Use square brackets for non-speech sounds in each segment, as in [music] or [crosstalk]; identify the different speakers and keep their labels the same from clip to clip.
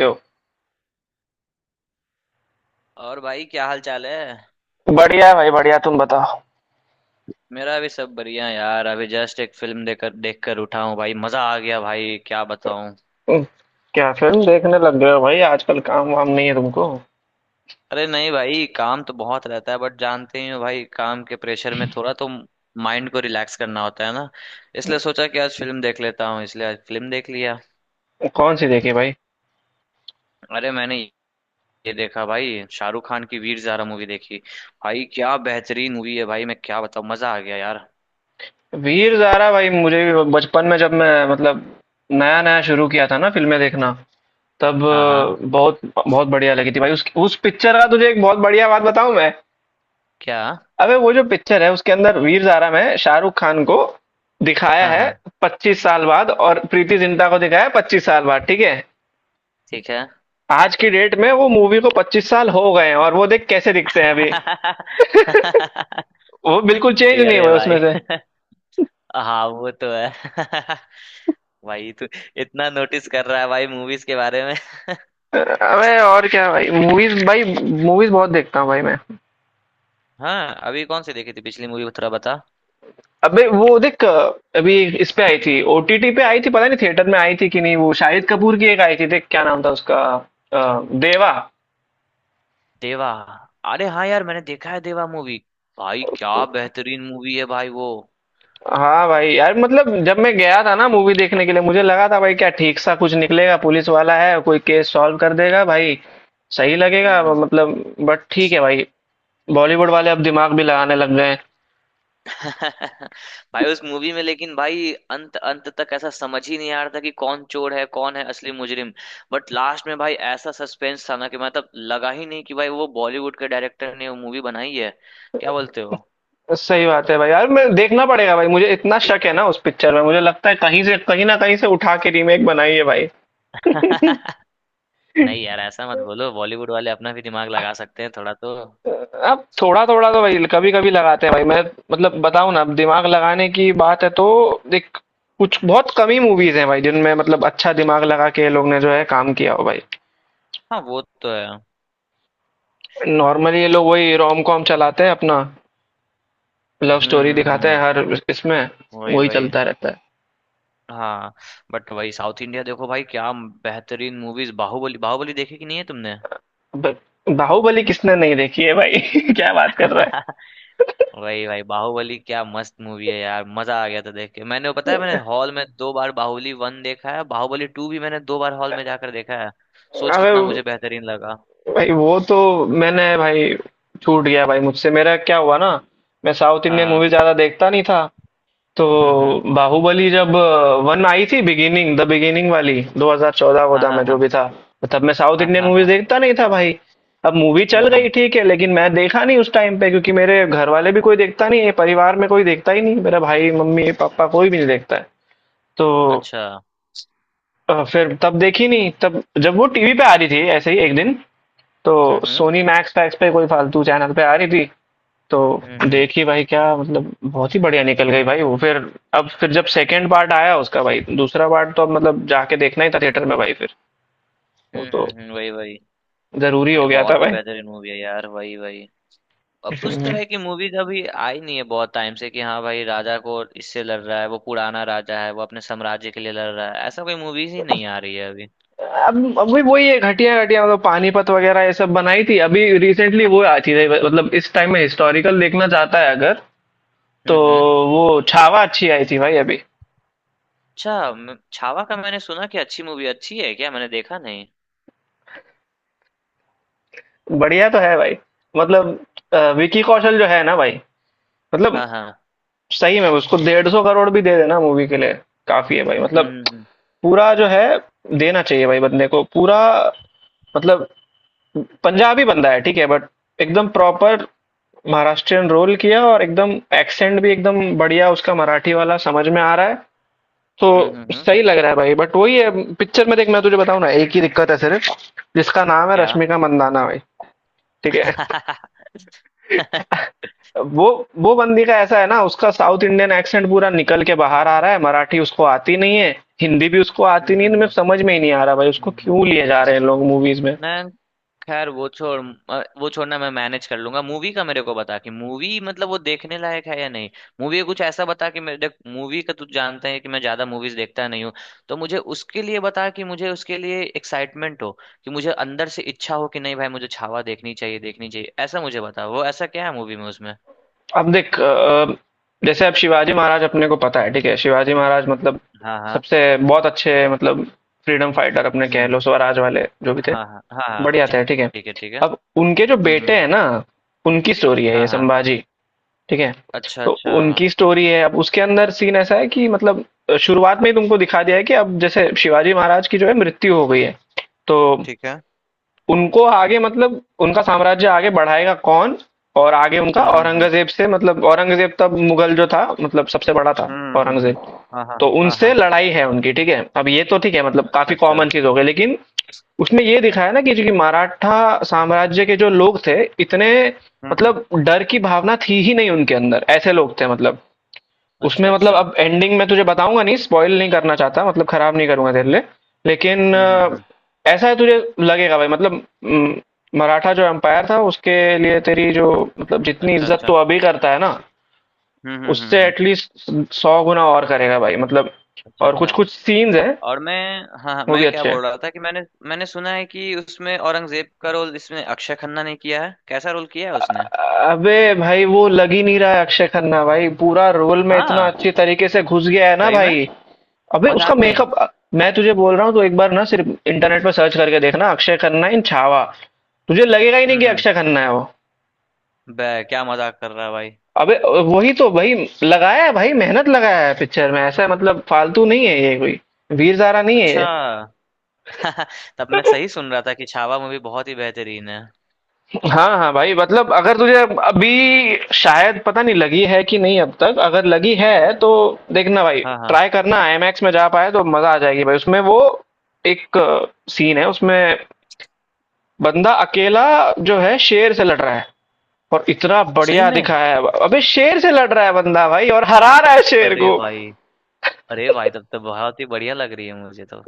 Speaker 1: यो।
Speaker 2: और भाई क्या हाल चाल है।
Speaker 1: बढ़िया है भाई, बढ़िया। तुम बताओ।
Speaker 2: मेरा भी सब बढ़िया यार, अभी जस्ट एक फिल्म देख कर उठा हूँ भाई, मजा आ गया भाई, क्या बताऊं।
Speaker 1: हम्म, क्या फिल्म देखने लग गए हो भाई, आजकल काम वाम नहीं है तुमको?
Speaker 2: अरे नहीं भाई, काम तो बहुत रहता है बट जानते ही हो भाई, काम के प्रेशर में थोड़ा तो माइंड को रिलैक्स करना होता है ना। इसलिए सोचा कि आज फिल्म देख लेता हूँ, इसलिए आज फिल्म देख लिया।
Speaker 1: कौन सी देखी भाई?
Speaker 2: अरे मैंने ये देखा भाई, शाहरुख खान की वीर ज़ारा मूवी देखी। भाई क्या बेहतरीन मूवी है भाई, मैं क्या बताऊँ, मजा आ गया यार।
Speaker 1: वीर ज़ारा। भाई मुझे भी बचपन में, जब मैं मतलब नया नया शुरू किया था ना फिल्में देखना, तब
Speaker 2: हाँ हाँ।
Speaker 1: बहुत बहुत बढ़िया लगी थी भाई। उस पिक्चर का तुझे एक बहुत बढ़िया बात बताऊं मैं?
Speaker 2: क्या।
Speaker 1: अबे वो जो पिक्चर है उसके अंदर वीर ज़ारा में शाहरुख खान को दिखाया
Speaker 2: हाँ
Speaker 1: है
Speaker 2: हाँ।
Speaker 1: 25 साल बाद, और प्रीति जिंटा को दिखाया है 25 साल बाद, ठीक है।
Speaker 2: ठीक है।
Speaker 1: आज की डेट में वो मूवी को 25 साल हो गए हैं, और वो देख कैसे दिखते हैं अभी।
Speaker 2: [laughs]
Speaker 1: [laughs] वो बिल्कुल चेंज नहीं
Speaker 2: अरे
Speaker 1: हुए
Speaker 2: भाई।
Speaker 1: उसमें से।
Speaker 2: [laughs] हाँ वो तो है। [laughs] भाई तू इतना नोटिस कर रहा है भाई मूवीज के बारे में। [laughs]
Speaker 1: अबे और क्या भाई, मूवीज भाई, मूवीज बहुत देखता हूँ भाई मैं।
Speaker 2: हाँ, अभी कौन सी देखी थी पिछली मूवी थोड़ा बता।
Speaker 1: अबे वो देख, अभी इस पे आई थी, ओटीटी पे आई थी, पता नहीं थिएटर में आई थी कि नहीं। वो शाहिद कपूर की एक आई थी, देख क्या नाम था उसका। अ, देवा।
Speaker 2: देवा। अरे हाँ यार, मैंने देखा है देवा मूवी। भाई क्या बेहतरीन मूवी है भाई वो।
Speaker 1: हाँ भाई, यार मतलब जब मैं गया था ना मूवी देखने के लिए, मुझे लगा था भाई क्या ठीक सा कुछ निकलेगा, पुलिस वाला है कोई केस सॉल्व कर देगा भाई, सही
Speaker 2: हम्म
Speaker 1: लगेगा
Speaker 2: हम्म।
Speaker 1: मतलब। बट ठीक है भाई, बॉलीवुड वाले अब दिमाग भी लगाने लग गए हैं।
Speaker 2: [laughs] भाई उस मूवी में लेकिन भाई अंत अंत तक ऐसा समझ ही नहीं आ रहा था कि कौन चोर है, कौन है असली मुजरिम। बट लास्ट में भाई ऐसा सस्पेंस था ना, कि मतलब लगा ही नहीं कि भाई वो बॉलीवुड के डायरेक्टर ने वो मूवी बनाई है। क्या बोलते हो।
Speaker 1: सही बात है भाई। यार मैं देखना पड़ेगा भाई, मुझे इतना शक है ना उस पिक्चर में, मुझे लगता है कहीं से कहीं ना कहीं से उठा के रीमेक बनाई है भाई।
Speaker 2: [laughs] नहीं यार ऐसा मत बोलो, बॉलीवुड वाले अपना भी दिमाग लगा सकते हैं थोड़ा तो।
Speaker 1: अब थोड़ा थोड़ा तो भाई कभी कभी लगाते हैं भाई मैं। मतलब बताऊं ना, अब दिमाग लगाने की बात है तो देख, कुछ बहुत कम ही मूवीज हैं भाई जिनमें मतलब अच्छा दिमाग लगा के ये लोग ने जो है काम किया हो भाई।
Speaker 2: हाँ वो तो है।
Speaker 1: नॉर्मली ये लोग वही रोम कॉम चलाते हैं अपना, लव स्टोरी दिखाते हैं
Speaker 2: हम्म।
Speaker 1: हर इसमें,
Speaker 2: वही
Speaker 1: वही
Speaker 2: वही।
Speaker 1: चलता रहता है।
Speaker 2: हाँ। बट वही साउथ इंडिया देखो भाई, क्या बेहतरीन मूवीज, बाहुबली। बाहुबली देखी कि नहीं है तुमने।
Speaker 1: ब- बाहुबली किसने नहीं देखी है भाई, [laughs] क्या बात कर रहा है।
Speaker 2: [laughs] वही भाई, बाहुबली क्या मस्त मूवी है यार, मजा आ गया था देख के मैंने। वो पता है, मैंने हॉल में 2 बार बाहुबली वन देखा है, बाहुबली टू भी मैंने 2 बार हॉल में जाकर देखा है। सोच
Speaker 1: अबे
Speaker 2: कितना मुझे बेहतरीन लगा।
Speaker 1: भाई वो तो, मैंने भाई, छूट गया भाई मुझसे। मेरा क्या हुआ ना, मैं साउथ
Speaker 2: हाँ
Speaker 1: इंडियन
Speaker 2: हाँ।
Speaker 1: मूवी ज्यादा देखता नहीं था, तो
Speaker 2: हम्म।
Speaker 1: बाहुबली जब वन आई थी, बिगिनिंग द बिगिनिंग वाली 2014 चौदह
Speaker 2: हाँ
Speaker 1: वोदा
Speaker 2: हाँ
Speaker 1: में जो
Speaker 2: हाँ
Speaker 1: भी था, तब मैं साउथ
Speaker 2: हाँ।
Speaker 1: इंडियन
Speaker 2: हाँ
Speaker 1: मूवीज
Speaker 2: हाँ।
Speaker 1: देखता नहीं था भाई। अब मूवी चल गई,
Speaker 2: हम्म।
Speaker 1: ठीक है, लेकिन मैं देखा नहीं उस टाइम पे, क्योंकि मेरे घर वाले भी कोई देखता नहीं है। परिवार में कोई देखता ही नहीं मेरा भाई, मम्मी पापा कोई भी नहीं देखता है, तो
Speaker 2: अच्छा।
Speaker 1: फिर तब देखी नहीं। तब जब वो टीवी पे आ रही थी ऐसे ही एक दिन, तो
Speaker 2: हम्म हम्म
Speaker 1: सोनी मैक्स पैक्स पे कोई फालतू चैनल पे आ रही थी, तो
Speaker 2: हम्म।
Speaker 1: देखी भाई। क्या मतलब बहुत ही बढ़िया निकल गई भाई वो, फिर अब फिर जब सेकंड पार्ट आया उसका, भाई दूसरा पार्ट, तो अब मतलब जाके देखना ही था थिएटर में भाई फिर। वो तो
Speaker 2: वही वही।
Speaker 1: जरूरी
Speaker 2: भाई
Speaker 1: हो गया था
Speaker 2: बहुत ही
Speaker 1: भाई।
Speaker 2: बेहतरीन मूवी है यार, वही वही। अब उस
Speaker 1: हम्म।
Speaker 2: तरह की मूवीज अभी आई नहीं है बहुत टाइम से, कि हाँ भाई राजा को इससे लड़ रहा है, वो पुराना राजा है, वो अपने साम्राज्य के लिए लड़ रहा है, ऐसा कोई मूवीज ही नहीं आ रही है अभी।
Speaker 1: अब अभी वही वही है, घटिया घटिया मतलब पानीपत वगैरह ये सब बनाई थी अभी रिसेंटली वो आई थी। मतलब इस टाइम में हिस्टोरिकल देखना चाहता है अगर तो
Speaker 2: हम्म।
Speaker 1: वो छावा अच्छी आई थी भाई अभी।
Speaker 2: अच्छा, छावा का मैंने सुना कि अच्छी मूवी, अच्छी है क्या, मैंने देखा नहीं।
Speaker 1: बढ़िया तो है भाई, मतलब विकी कौशल जो है ना भाई, मतलब
Speaker 2: हाँ हाँ।
Speaker 1: सही में उसको 150 करोड़ भी दे देना मूवी के लिए, काफी है भाई। मतलब
Speaker 2: हम्म।
Speaker 1: पूरा जो है देना चाहिए भाई बंदे को पूरा, मतलब पंजाबी बंदा है ठीक है, बट एकदम प्रॉपर महाराष्ट्रियन रोल किया, और एकदम एक्सेंट भी एकदम बढ़िया उसका मराठी वाला, समझ में आ रहा है तो
Speaker 2: हम्म।
Speaker 1: सही लग रहा है भाई। बट वही है, पिक्चर में देख मैं तुझे बताऊं ना, एक ही दिक्कत है सिर्फ, जिसका नाम है
Speaker 2: क्या।
Speaker 1: रश्मिका मंदाना भाई। ठीक है।
Speaker 2: [laughs]
Speaker 1: वो वो बंदी का ऐसा है ना, उसका साउथ इंडियन एक्सेंट पूरा निकल के बाहर आ रहा है, मराठी उसको आती नहीं है, हिंदी भी उसको आती
Speaker 2: हम्म
Speaker 1: नहीं है। तो मेरे
Speaker 2: हम्म
Speaker 1: को समझ में ही नहीं आ रहा भाई, उसको क्यों
Speaker 2: हम्म।
Speaker 1: लिए जा रहे हैं लोग मूवीज में।
Speaker 2: मैं, खैर वो छोड़। वो छोड़ना, मैं मैनेज कर लूंगा। मूवी का मेरे को बता कि मूवी मतलब वो देखने लायक है या नहीं। मूवी कुछ ऐसा बता कि मैं देख, मूवी का, तू जानता है कि मैं ज्यादा मूवीज देखता नहीं हूँ। तो मुझे उसके लिए बता कि मुझे उसके लिए एक्साइटमेंट हो, कि मुझे अंदर से इच्छा हो कि नहीं भाई मुझे छावा देखनी चाहिए, देखनी चाहिए, ऐसा मुझे बता। वो ऐसा क्या है मूवी में उसमें।
Speaker 1: अब देख, जैसे अब शिवाजी महाराज अपने को पता है ठीक है, शिवाजी महाराज मतलब
Speaker 2: हाँ हाँ।
Speaker 1: सबसे बहुत अच्छे, मतलब फ्रीडम फाइटर अपने
Speaker 2: हम्म
Speaker 1: कह
Speaker 2: हम्म,
Speaker 1: लो, स्वराज वाले जो भी थे,
Speaker 2: हाँ हाँ हाँ हाँ,
Speaker 1: बढ़िया
Speaker 2: ठीक।
Speaker 1: थे ठीक है।
Speaker 2: ठीक है, ठीक है।
Speaker 1: अब उनके जो
Speaker 2: हम्म हम्म
Speaker 1: बेटे
Speaker 2: हम्म,
Speaker 1: हैं ना, उनकी स्टोरी है ये,
Speaker 2: हाँ हाँ।
Speaker 1: संभाजी, ठीक है?
Speaker 2: अच्छा
Speaker 1: तो
Speaker 2: अच्छा।
Speaker 1: उनकी स्टोरी है। अब उसके अंदर सीन ऐसा है कि मतलब शुरुआत में ही तुमको दिखा दिया है कि अब जैसे शिवाजी महाराज की जो है मृत्यु हो गई है। तो
Speaker 2: ठीक है।
Speaker 1: उनको आगे, मतलब उनका साम्राज्य आगे बढ़ाएगा कौन? और आगे उनका
Speaker 2: हम्म हम्म हम्म
Speaker 1: औरंगज़ेब से, मतलब औरंगज़ेब तब मुगल जो था मतलब सबसे बड़ा था,
Speaker 2: हम्म हम्म हम्म,
Speaker 1: औरंगज़ेब।
Speaker 2: हाँ हाँ
Speaker 1: तो
Speaker 2: हाँ
Speaker 1: उनसे
Speaker 2: हाँ।
Speaker 1: लड़ाई है उनकी, ठीक है? अब ये तो ठीक है मतलब
Speaker 2: अच्छा
Speaker 1: काफ़ी
Speaker 2: अच्छा।
Speaker 1: कॉमन चीज़ हो गई, लेकिन उसमें ये दिखाया ना कि जो कि मराठा साम्राज्य के जो लोग थे, इतने
Speaker 2: हम्म।
Speaker 1: मतलब डर की भावना थी ही नहीं उनके अंदर, ऐसे लोग थे मतलब। उसमें
Speaker 2: अच्छा
Speaker 1: मतलब
Speaker 2: अच्छा।
Speaker 1: अब एंडिंग मैं तुझे बताऊँगा नहीं, स्पॉइल नहीं करना चाहता, मतलब खराब नहीं करूँगा तेरे लिए। लेकिन
Speaker 2: हम्म।
Speaker 1: ऐसा है, तुझे लगेगा भाई मतलब, उम, मराठा जो एम्पायर था उसके लिए तेरी जो, मतलब जितनी
Speaker 2: अच्छा
Speaker 1: इज्जत तू
Speaker 2: अच्छा।
Speaker 1: अभी करता है ना, उससे
Speaker 2: हम्म।
Speaker 1: एटलीस्ट 100 गुना और करेगा भाई, मतलब।
Speaker 2: अच्छा
Speaker 1: और
Speaker 2: अच्छा।
Speaker 1: कुछ-कुछ सीन्स हैं,
Speaker 2: और मैं, हाँ हाँ,
Speaker 1: वो भी
Speaker 2: मैं क्या
Speaker 1: अच्छे हैं।
Speaker 2: बोल रहा था कि मैंने, मैंने सुना है कि उसमें औरंगजेब का रोल इसमें अक्षय खन्ना ने किया है, कैसा रोल किया है उसने।
Speaker 1: अबे भाई वो लग ही नहीं रहा है अक्षय खन्ना भाई, पूरा रोल में इतना
Speaker 2: हाँ।
Speaker 1: अच्छी तरीके से घुस गया है ना
Speaker 2: सही में।
Speaker 1: भाई, अबे उसका
Speaker 2: मजाक नहीं।
Speaker 1: मेकअप। मैं तुझे बोल रहा हूँ, तो एक बार ना सिर्फ इंटरनेट पे सर्च करके देखना अक्षय खन्ना इन छावा, तुझे लगेगा ही नहीं कि
Speaker 2: हम्म।
Speaker 1: अक्षय खन्ना है वो।
Speaker 2: बे क्या मजाक कर रहा है भाई।
Speaker 1: अबे वही तो भाई, लगाया है भाई, मेहनत लगाया है पिक्चर में, ऐसा मतलब फालतू नहीं है ये कोई, वीर ज़ारा नहीं है
Speaker 2: अच्छा।
Speaker 1: ये।
Speaker 2: [laughs] तब मैं सही सुन रहा था कि छावा मूवी बहुत ही बेहतरीन है।
Speaker 1: हाँ हाँ भाई, मतलब अगर तुझे अभी शायद पता नहीं लगी है कि नहीं अब तक, अगर लगी है
Speaker 2: हम्म,
Speaker 1: तो देखना भाई,
Speaker 2: हाँ हाँ।
Speaker 1: ट्राई करना आईमैक्स में जा पाए तो मजा आ जाएगी भाई उसमें। वो एक सीन है उसमें, बंदा अकेला जो है शेर से लड़ रहा है, और इतना
Speaker 2: सही
Speaker 1: बढ़िया
Speaker 2: में।
Speaker 1: दिखाया है, अबे शेर से लड़ रहा है बंदा भाई, और हरा रहा है शेर
Speaker 2: अरे
Speaker 1: को।
Speaker 2: भाई। अरे भाई तब तो बहुत ही बढ़िया लग रही है मुझे तो।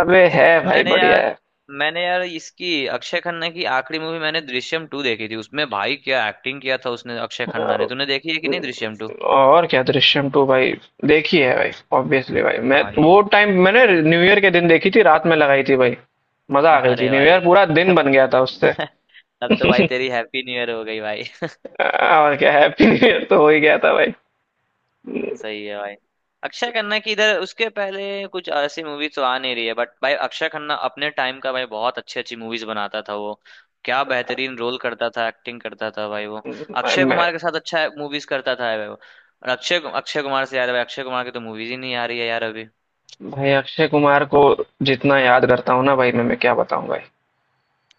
Speaker 1: अबे है भाई
Speaker 2: मैंने
Speaker 1: बढ़िया
Speaker 2: यार,
Speaker 1: है।
Speaker 2: मैंने यार इसकी अक्षय खन्ना की आखिरी मूवी मैंने दृश्यम टू देखी थी। उसमें भाई क्या एक्टिंग किया था उसने अक्षय खन्ना ने। तूने देखी है कि नहीं दृश्यम टू।
Speaker 1: और क्या दृश्यम टू भाई, देखी है भाई, ऑब्वियसली भाई। मैं
Speaker 2: भाई।
Speaker 1: वो टाइम, मैंने न्यू ईयर के दिन देखी थी, रात में लगाई थी भाई, मजा आ
Speaker 2: [laughs]
Speaker 1: गई थी,
Speaker 2: अरे
Speaker 1: न्यू
Speaker 2: भाई।
Speaker 1: ईयर पूरा दिन
Speaker 2: तब,
Speaker 1: बन गया था उससे।
Speaker 2: [laughs] तब
Speaker 1: [laughs]
Speaker 2: तो भाई
Speaker 1: और
Speaker 2: तेरी हैप्पी न्यू ईयर हो गई भाई।
Speaker 1: क्या, हैप्पी न्यू ईयर तो हो ही गया था भाई।
Speaker 2: सही है भाई। अक्षय खन्ना की इधर उसके पहले कुछ ऐसी मूवी तो आ नहीं रही है, बट भाई अक्षय खन्ना अपने टाइम का भाई बहुत अच्छी अच्छी मूवीज बनाता था वो। क्या बेहतरीन रोल करता था, एक्टिंग करता था भाई वो।
Speaker 1: भाई
Speaker 2: अक्षय
Speaker 1: मैं,
Speaker 2: कुमार के साथ अच्छा मूवीज करता था भाई वो, और अक्षय अक्षय कुमार से, यार भाई अक्षय कुमार की तो मूवीज ही नहीं आ रही है यार अभी।
Speaker 1: भाई अक्षय कुमार को जितना याद करता हूँ ना भाई मैं क्या बताऊं भाई।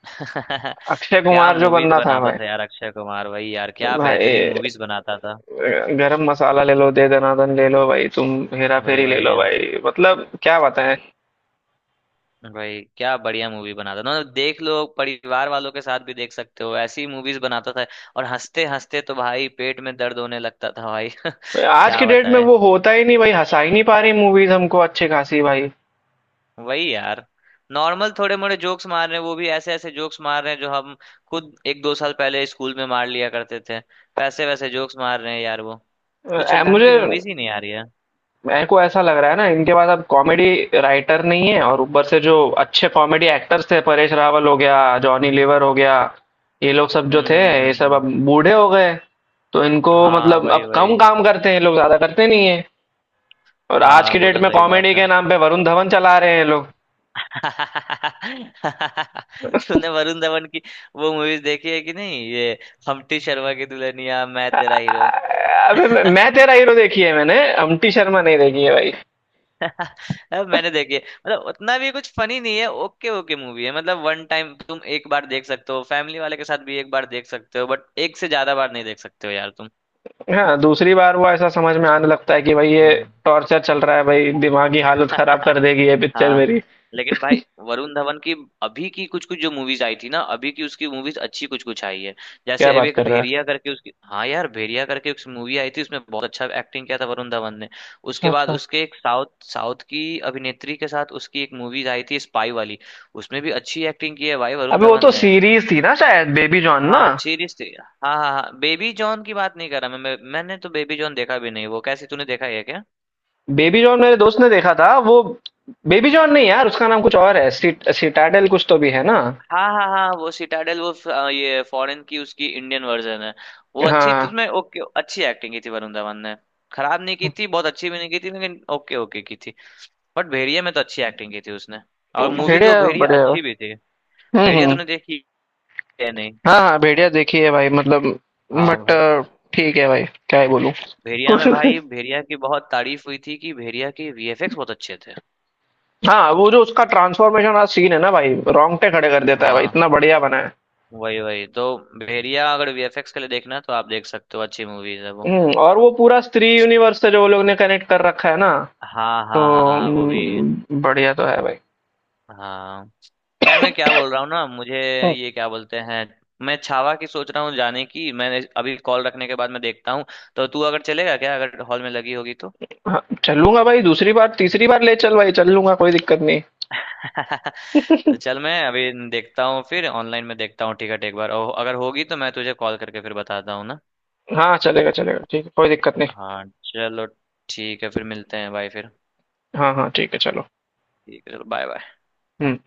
Speaker 2: [laughs]
Speaker 1: अक्षय
Speaker 2: क्या
Speaker 1: कुमार जो
Speaker 2: मूवीज
Speaker 1: बंदा था
Speaker 2: बनाता
Speaker 1: भाई,
Speaker 2: था यार अक्षय कुमार भाई, यार क्या
Speaker 1: भाई
Speaker 2: बेहतरीन मूवीज बनाता था।
Speaker 1: गरम मसाला ले लो, दे दनादन ले लो भाई तुम, हेरा
Speaker 2: वही
Speaker 1: फेरी ले लो
Speaker 2: भाई।
Speaker 1: भाई, मतलब क्या बताएं।
Speaker 2: भाई क्या बढ़िया मूवी बनाता था, मतलब देख लो परिवार वालों के साथ भी देख सकते हो ऐसी मूवीज बनाता था। और हंसते हंसते तो भाई पेट में दर्द होने लगता था भाई।
Speaker 1: भाई,
Speaker 2: [laughs]
Speaker 1: आज की
Speaker 2: क्या
Speaker 1: डेट में
Speaker 2: बताए।
Speaker 1: वो होता ही नहीं भाई, हंसा ही नहीं पा रही मूवीज हमको अच्छी खासी भाई।
Speaker 2: वही यार। नॉर्मल थोड़े मोड़े जोक्स मार रहे हैं, वो भी ऐसे ऐसे जोक्स मार रहे हैं जो हम खुद एक दो साल पहले स्कूल में मार लिया करते थे। वैसे वैसे जोक्स मार रहे हैं यार वो। कुछ
Speaker 1: अ,
Speaker 2: ढंग
Speaker 1: मुझे
Speaker 2: की मूवीज ही नहीं आ रही है।
Speaker 1: मेरे को ऐसा लग रहा है ना, इनके पास अब कॉमेडी राइटर नहीं है, और ऊपर से जो अच्छे कॉमेडी एक्टर्स थे, परेश रावल हो गया, जॉनी लीवर हो गया, ये लोग सब जो थे,
Speaker 2: हम्म हम्म
Speaker 1: ये
Speaker 2: हम्म
Speaker 1: सब
Speaker 2: हम्म।
Speaker 1: अब बूढ़े हो गए। तो इनको
Speaker 2: हाँ
Speaker 1: मतलब
Speaker 2: वही
Speaker 1: अब कम
Speaker 2: वही।
Speaker 1: काम करते हैं, ये लोग ज्यादा करते नहीं है। और आज
Speaker 2: हाँ
Speaker 1: की
Speaker 2: वो
Speaker 1: डेट
Speaker 2: तो
Speaker 1: में
Speaker 2: सही
Speaker 1: कॉमेडी
Speaker 2: बात है।
Speaker 1: के नाम पे वरुण धवन चला रहे हैं ये लोग।
Speaker 2: [laughs] तूने वरुण धवन की वो मूवीज देखी है कि नहीं, ये हम्प्टी शर्मा की दुल्हनिया, मैं तेरा हीरो।
Speaker 1: अबे मैं
Speaker 2: [laughs]
Speaker 1: तेरा हीरो देखी है मैंने, अम्टी शर्मा नहीं देखी है भाई।
Speaker 2: अब मैंने देखी है। मतलब उतना भी कुछ फनी नहीं है, ओके ओके मूवी है, मतलब वन टाइम तुम एक बार देख सकते हो, फैमिली वाले के साथ भी एक बार देख सकते हो, बट एक से ज्यादा बार नहीं देख सकते हो यार तुम।
Speaker 1: हाँ, दूसरी बार वो ऐसा समझ में आने लगता है कि भाई ये
Speaker 2: हम्म।
Speaker 1: टॉर्चर चल रहा है भाई, दिमागी हालत खराब कर
Speaker 2: [laughs]
Speaker 1: देगी ये पिक्चर
Speaker 2: हाँ।
Speaker 1: मेरी।
Speaker 2: लेकिन भाई वरुण धवन की अभी की कुछ कुछ जो मूवीज आई थी ना अभी की, उसकी मूवीज अच्छी कुछ कुछ आई है।
Speaker 1: क्या
Speaker 2: जैसे अभी
Speaker 1: बात
Speaker 2: एक
Speaker 1: कर रहा है।
Speaker 2: भेड़िया करके उसकी, हाँ यार भेड़िया करके एक मूवी आई थी, उसमें बहुत अच्छा एक्टिंग किया था वरुण धवन ने।
Speaker 1: अच्छा
Speaker 2: उसके बाद
Speaker 1: अच्छा।
Speaker 2: उसके एक साउथ साउथ की अभिनेत्री के साथ उसकी एक मूवीज आई थी स्पाई वाली, उसमें भी अच्छी एक्टिंग की है भाई वरुण
Speaker 1: अबे वो
Speaker 2: धवन
Speaker 1: तो
Speaker 2: ने।
Speaker 1: सीरीज थी ना शायद, बेबी जॉन ना।
Speaker 2: हाँ सीरीज थी, हाँ हाँ हाँ, बेबी जॉन की बात नहीं कर रहा मैं। मैंने तो बेबी जॉन देखा भी नहीं, वो कैसे तूने देखा है क्या।
Speaker 1: बेबी जॉन मेरे दोस्त ने देखा था वो। बेबी जॉन नहीं यार, उसका नाम कुछ और है, सिटाडेल कुछ तो भी है ना।
Speaker 2: हाँ हाँ हाँ, वो सिटाडेल। वो ये फॉरेन की उसकी इंडियन वर्जन है। वो अच्छी,
Speaker 1: हाँ।
Speaker 2: तुझमें ओके अच्छी एक्टिंग की थी वरुण धवन ने। खराब नहीं की थी, बहुत अच्छी भी नहीं की थी, लेकिन ओके ओके की थी। बट भेड़िया में तो अच्छी एक्टिंग की थी उसने। और मूवीज, वो
Speaker 1: बढ़िया
Speaker 2: भेड़िया
Speaker 1: बढ़िया।
Speaker 2: अच्छी भी थी। भेड़िया
Speaker 1: हम्म।
Speaker 2: तूने देखी है नहीं।
Speaker 1: हाँ हाँ, भेड़िया देखी है भाई मतलब,
Speaker 2: हाँ
Speaker 1: बट
Speaker 2: भाई।
Speaker 1: ठीक है भाई, क्या ही बोलूं।
Speaker 2: भेड़िया में भाई,
Speaker 1: [laughs]
Speaker 2: भेड़िया की बहुत तारीफ हुई थी कि भेड़िया के वीएफएक्स बहुत अच्छे थे।
Speaker 1: हाँ, वो जो उसका ट्रांसफॉर्मेशन वाला सीन है ना भाई, रोंगटे खड़े कर देता है भाई,
Speaker 2: हाँ।
Speaker 1: इतना बढ़िया बना है।
Speaker 2: वही वही तो। भेड़िया अगर वीएफएक्स के लिए देखना है तो आप देख सकते हो, अच्छी मूवीज है वो।
Speaker 1: और वो पूरा स्त्री यूनिवर्स से जो वो लोग ने कनेक्ट कर रखा है ना,
Speaker 2: हाँ
Speaker 1: तो
Speaker 2: हाँ हाँ हाँ, वो भी है।
Speaker 1: बढ़िया तो है भाई।
Speaker 2: हाँ, खैर मैं क्या बोल रहा हूँ ना, मुझे
Speaker 1: हम्म।
Speaker 2: ये क्या बोलते हैं, मैं छावा की सोच रहा हूँ जाने की, मैंने अभी कॉल रखने के बाद मैं देखता हूँ। तो तू अगर चलेगा क्या, अगर हॉल में लगी होगी तो।
Speaker 1: हाँ चलूंगा भाई, दूसरी बार तीसरी बार ले चल भाई, चल लूंगा, कोई दिक्कत नहीं।
Speaker 2: [laughs] तो चल, मैं अभी देखता हूँ फिर ऑनलाइन में देखता हूँ टिकट एक बार, और अगर होगी तो मैं तुझे कॉल करके फिर बताता हूँ ना।
Speaker 1: हाँ चलेगा चलेगा, ठीक है, कोई दिक्कत नहीं।
Speaker 2: हाँ चलो, ठीक है फिर मिलते हैं भाई फिर।
Speaker 1: हाँ हाँ ठीक है चलो।
Speaker 2: ठीक है चलो, बाय बाय।
Speaker 1: हम्म।